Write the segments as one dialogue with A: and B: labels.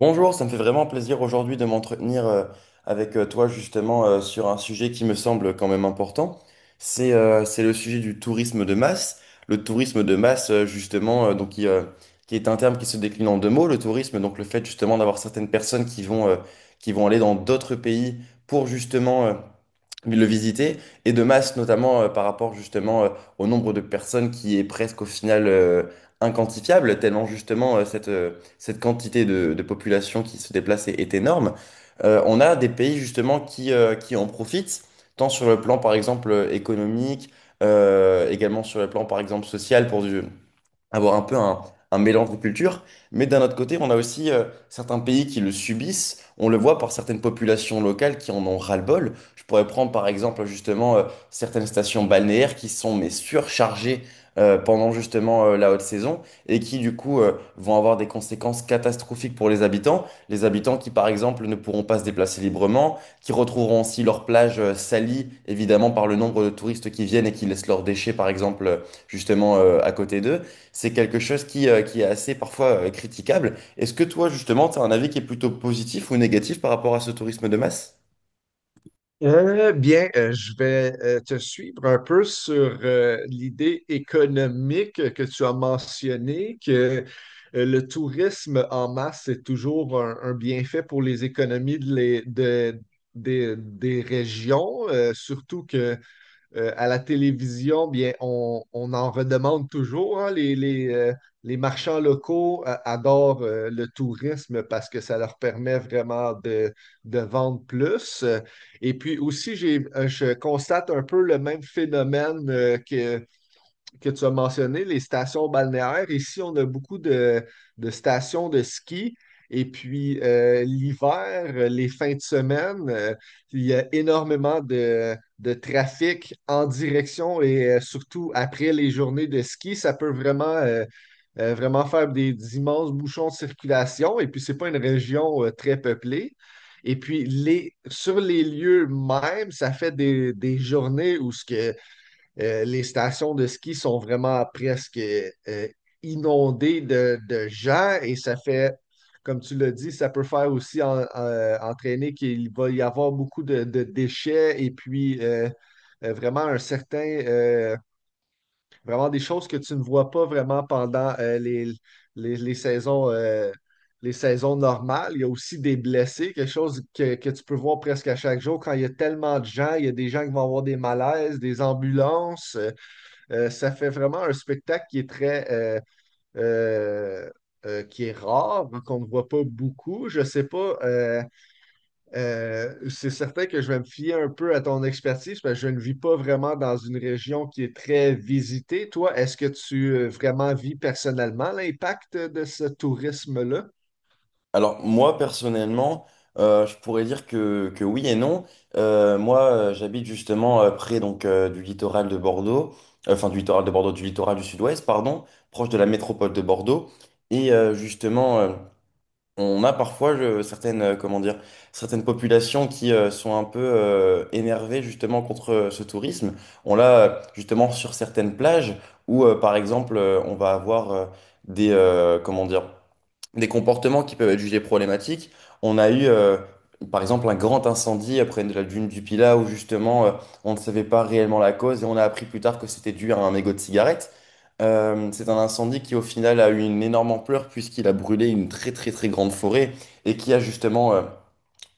A: Bonjour, ça me fait vraiment plaisir aujourd'hui de m'entretenir avec toi justement sur un sujet qui me semble quand même important. C'est le sujet du tourisme de masse. Le tourisme de masse justement, donc qui est un terme qui se décline en deux mots, le tourisme, donc le fait justement d'avoir certaines personnes qui vont aller dans d'autres pays pour justement le visiter, et de masse notamment par rapport justement au nombre de personnes qui est presque au final inquantifiable, tellement justement cette quantité de population qui se déplace est énorme. On a des pays justement qui en profitent, tant sur le plan par exemple économique, également sur le plan par exemple social pour du, avoir un peu un mélange de cultures. Mais d'un autre côté, on a aussi certains pays qui le subissent. On le voit par certaines populations locales qui en ont ras-le-bol. Je pourrais prendre par exemple justement certaines stations balnéaires qui sont mais surchargées, pendant justement la haute saison, et qui du coup vont avoir des conséquences catastrophiques pour les habitants. Les habitants qui par exemple ne pourront pas se déplacer librement, qui retrouveront aussi leurs plages salies évidemment par le nombre de touristes qui viennent et qui laissent leurs déchets par exemple justement à côté d'eux. C'est quelque chose qui est assez parfois critiquable. Est-ce que toi, justement, tu as un avis qui est plutôt positif ou négatif par rapport à ce tourisme de masse?
B: Je vais te suivre un peu sur l'idée économique que tu as mentionnée, que le tourisme en masse est toujours un bienfait pour les économies des régions, surtout que à la télévision, bien, on en redemande toujours, hein. Les marchands locaux adorent le tourisme parce que ça leur permet vraiment de vendre plus. Et puis aussi, je constate un peu le même phénomène que tu as mentionné, les stations balnéaires. Ici, on a beaucoup de stations de ski. Et puis, l'hiver, les fins de semaine, il y a énormément de trafic en direction et surtout après les journées de ski, ça peut vraiment faire des immenses bouchons de circulation. Et puis, c'est pas une région très peuplée. Et puis, les, sur les lieux même, ça fait des journées où ce que les stations de ski sont vraiment presque euh, inondées de gens et ça fait, comme tu l'as dit, ça peut faire aussi entraîner qu'il va y avoir beaucoup de déchets et puis vraiment un certain, vraiment des choses que tu ne vois pas vraiment pendant les saisons. Les saisons normales, il y a aussi des blessés, quelque chose que tu peux voir presque à chaque jour quand il y a tellement de gens, il y a des gens qui vont avoir des malaises, des ambulances. Ça fait vraiment un spectacle qui est très euh, qui est rare, hein, qu'on ne voit pas beaucoup. Je ne sais pas, c'est certain que je vais me fier un peu à ton expertise parce que je ne vis pas vraiment dans une région qui est très visitée. Toi, est-ce que tu vraiment vis personnellement l'impact de ce tourisme-là?
A: Alors, moi, personnellement, je pourrais dire que oui et non. Moi, j'habite justement près donc, du littoral de Bordeaux, enfin du littoral de Bordeaux, du littoral du sud-ouest, pardon, proche de la métropole de Bordeaux. Et on a parfois certaines, comment dire, certaines populations qui sont un peu énervées justement contre ce tourisme. On l'a justement sur certaines plages où, par exemple, on va avoir des, comment dire, des comportements qui peuvent être jugés problématiques. On a eu, par exemple, un grand incendie après la dune du Pilat où justement on ne savait pas réellement la cause, et on a appris plus tard que c'était dû à un mégot de cigarette. C'est un incendie qui au final a eu une énorme ampleur puisqu'il a brûlé une très très très grande forêt, et qui a justement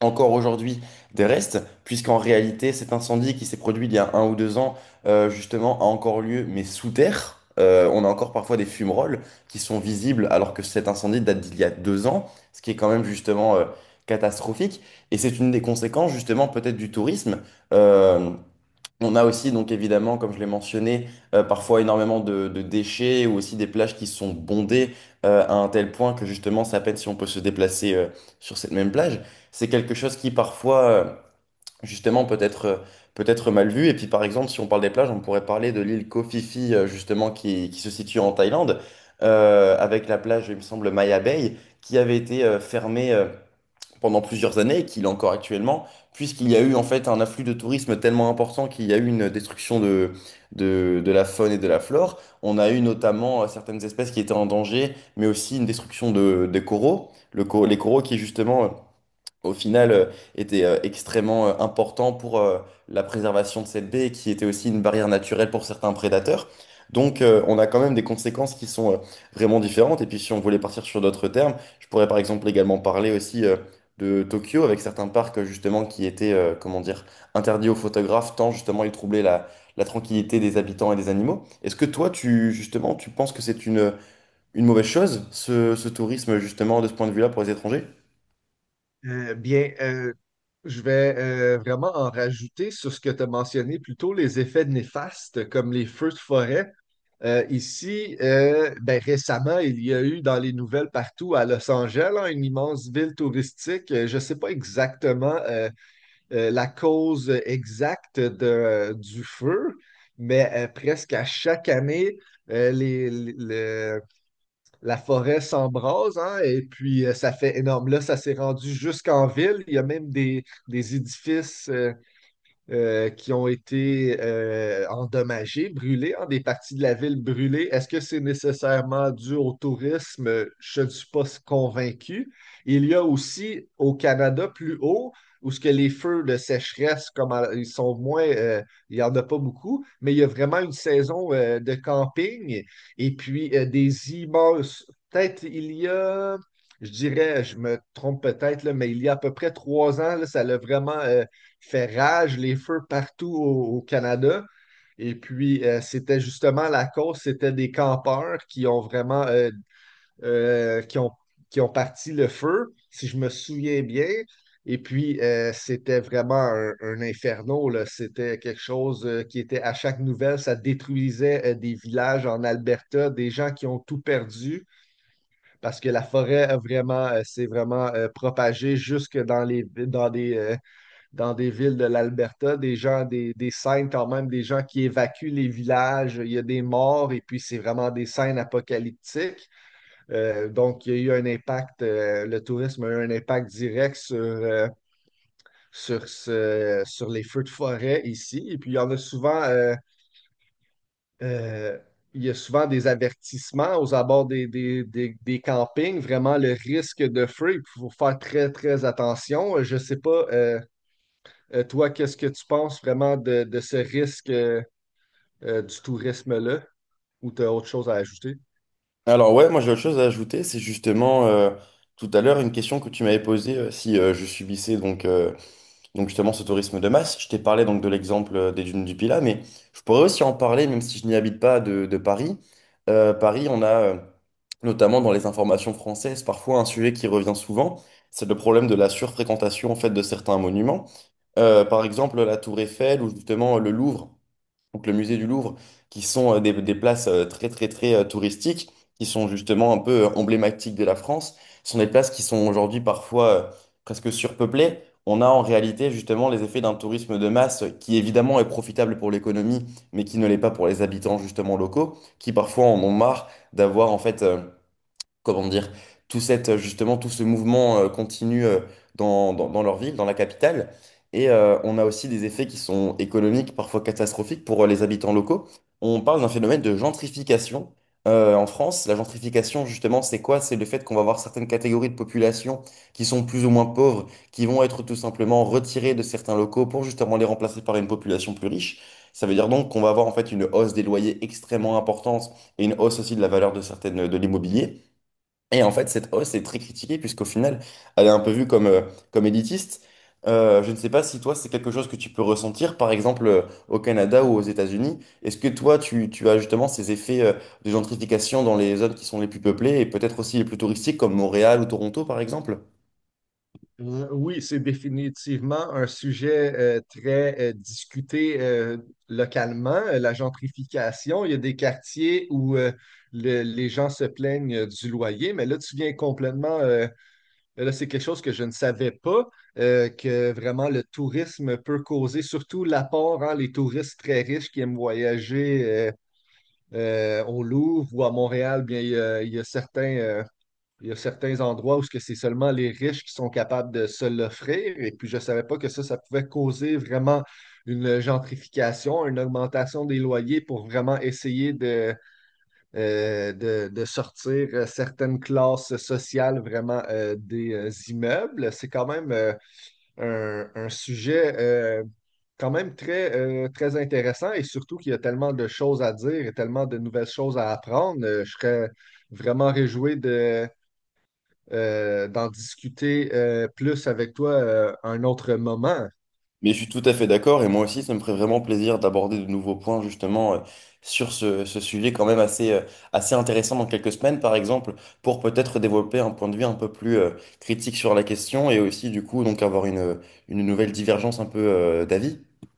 A: encore aujourd'hui des restes, puisqu'en réalité, cet incendie qui s'est produit il y a un ou deux ans, justement, a encore lieu, mais sous terre. On a encore parfois des fumerolles qui sont visibles, alors que cet incendie date d'il y a deux ans, ce qui est quand même justement catastrophique. Et c'est une des conséquences, justement, peut-être du tourisme. Euh, on a aussi, donc évidemment, comme je l'ai mentionné, parfois énormément de déchets, ou aussi des plages qui sont bondées à un tel point que justement, c'est à peine si on peut se déplacer sur cette même plage. C'est quelque chose qui parfois, justement, peut être mal vu. Et puis, par exemple, si on parle des plages, on pourrait parler de l'île Koh Phi Phi, justement, qui se situe en Thaïlande, avec la plage, il me semble, Maya Bay, qui avait été fermée pendant plusieurs années, et qu'il est encore actuellement, puisqu'il y a eu en fait un afflux de tourisme tellement important qu'il y a eu une destruction de la faune et de la flore. On a eu notamment certaines espèces qui étaient en danger, mais aussi une destruction des coraux. Les coraux qui justement au final, était extrêmement important pour la préservation de cette baie, et qui était aussi une barrière naturelle pour certains prédateurs. Donc, on a quand même des conséquences qui sont vraiment différentes. Et puis, si on voulait partir sur d'autres termes, je pourrais par exemple également parler aussi de Tokyo, avec certains parcs justement qui étaient, comment dire, interdits aux photographes tant justement ils troublaient la, la tranquillité des habitants et des animaux. Est-ce que toi, tu justement, tu penses que c'est une mauvaise chose, ce tourisme justement de ce point de vue-là pour les étrangers?
B: Euh, bien, euh, je vais vraiment en rajouter sur ce que tu as mentionné plus tôt, les effets néfastes comme les feux de forêt. Ici, ben, récemment, il y a eu dans les nouvelles partout à Los Angeles, hein, une immense ville touristique. Je ne sais pas exactement la cause exacte du feu, mais presque à chaque année, euh, les, les- le- la forêt s'embrase, hein, et puis ça fait énorme. Là, ça s'est rendu jusqu'en ville. Il y a même des édifices qui ont été endommagées, brûlées, hein, des parties de la ville brûlées. Est-ce que c'est nécessairement dû au tourisme? Je ne suis pas convaincu. Il y a aussi au Canada plus haut, où ce que les feux de sécheresse, ils sont moins, il n'y en a pas beaucoup, mais il y a vraiment une saison de camping et puis des immenses. Peut-être il y a. Je dirais, je me trompe peut-être, là, mais il y a à peu près trois ans, là, ça a vraiment fait rage, les feux partout au Canada. Et puis, c'était justement la cause, c'était des campeurs qui ont vraiment, euh, qui ont, qui ont parti le feu, si je me souviens bien. Et puis, c'était vraiment un inferno, là. C'était quelque chose qui était à chaque nouvelle, ça détruisait des villages en Alberta, des gens qui ont tout perdu parce que la forêt a vraiment s'est vraiment propagée jusque dans les, dans des villes de l'Alberta, des gens, des scènes quand même, des gens qui évacuent les villages, il y a des morts et puis c'est vraiment des scènes apocalyptiques. Donc, il y a eu un impact, le tourisme a eu un impact direct sur les feux de forêt ici. Et puis, il y en a souvent, euh, il y a souvent des avertissements aux abords des campings, vraiment le risque de feu. Il faut faire très, très attention. Je ne sais pas. Toi, qu'est-ce que tu penses vraiment de ce risque du tourisme-là, ou tu as autre chose à ajouter?
A: Alors ouais, moi j'ai autre chose à ajouter, c'est justement tout à l'heure une question que tu m'avais posée si je subissais donc justement ce tourisme de masse. Je t'ai parlé donc de l'exemple des dunes du Pilat, mais je pourrais aussi en parler, même si je n'y habite pas, de Paris. Paris, on a notamment dans les informations françaises parfois un sujet qui revient souvent, c'est le problème de la surfréquentation en fait de certains monuments. Par exemple la Tour Eiffel, ou justement le Louvre, donc le musée du Louvre, qui sont des places très très très touristiques, qui sont justement un peu emblématiques de la France, sont des places qui sont aujourd'hui parfois presque surpeuplées. On a en réalité justement les effets d'un tourisme de masse qui évidemment est profitable pour l'économie, mais qui ne l'est pas pour les habitants justement locaux, qui parfois en ont marre d'avoir en fait comment dire, tout cette, justement tout ce mouvement continu dans leur ville, dans la capitale. Et on a aussi des effets qui sont économiques, parfois catastrophiques pour les habitants locaux. On parle d'un phénomène de gentrification. En France, la gentrification, justement, c'est quoi? C'est le fait qu'on va avoir certaines catégories de population qui sont plus ou moins pauvres, qui vont être tout simplement retirées de certains locaux pour justement les remplacer par une population plus riche. Ça veut dire donc qu'on va avoir en fait une hausse des loyers extrêmement importante, et une hausse aussi de la valeur de certaines de l'immobilier. Et en fait, cette hausse est très critiquée puisqu'au final, elle est un peu vue comme, comme élitiste. Je ne sais pas si toi, c'est quelque chose que tu peux ressentir, par exemple, au Canada ou aux États-Unis. Est-ce que toi, tu as justement ces effets, de gentrification dans les zones qui sont les plus peuplées et peut-être aussi les plus touristiques comme Montréal ou Toronto, par exemple?
B: Oui, c'est définitivement un sujet très discuté localement, la gentrification. Il y a des quartiers où les gens se plaignent du loyer, mais là, tu viens complètement, là, c'est quelque chose que je ne savais pas, que vraiment le tourisme peut causer, surtout l'apport, hein, les touristes très riches qui aiment voyager. Au Louvre ou à Montréal, bien, il y a, il y a il y a certains endroits où ce que c'est seulement les riches qui sont capables de se l'offrir. Et puis, je ne savais pas que ça pouvait causer vraiment une gentrification, une augmentation des loyers pour vraiment essayer de sortir certaines classes sociales vraiment des immeubles. C'est quand même un sujet quand même très intéressant et surtout qu'il y a tellement de choses à dire et tellement de nouvelles choses à apprendre. Je serais vraiment réjoui d'en discuter plus avec toi un autre moment.
A: Mais je suis tout à fait d'accord, et moi aussi, ça me ferait vraiment plaisir d'aborder de nouveaux points justement sur ce, ce sujet quand même assez, assez intéressant dans quelques semaines, par exemple, pour peut-être développer un point de vue un peu plus critique sur la question, et aussi du coup donc avoir une nouvelle divergence un peu d'avis.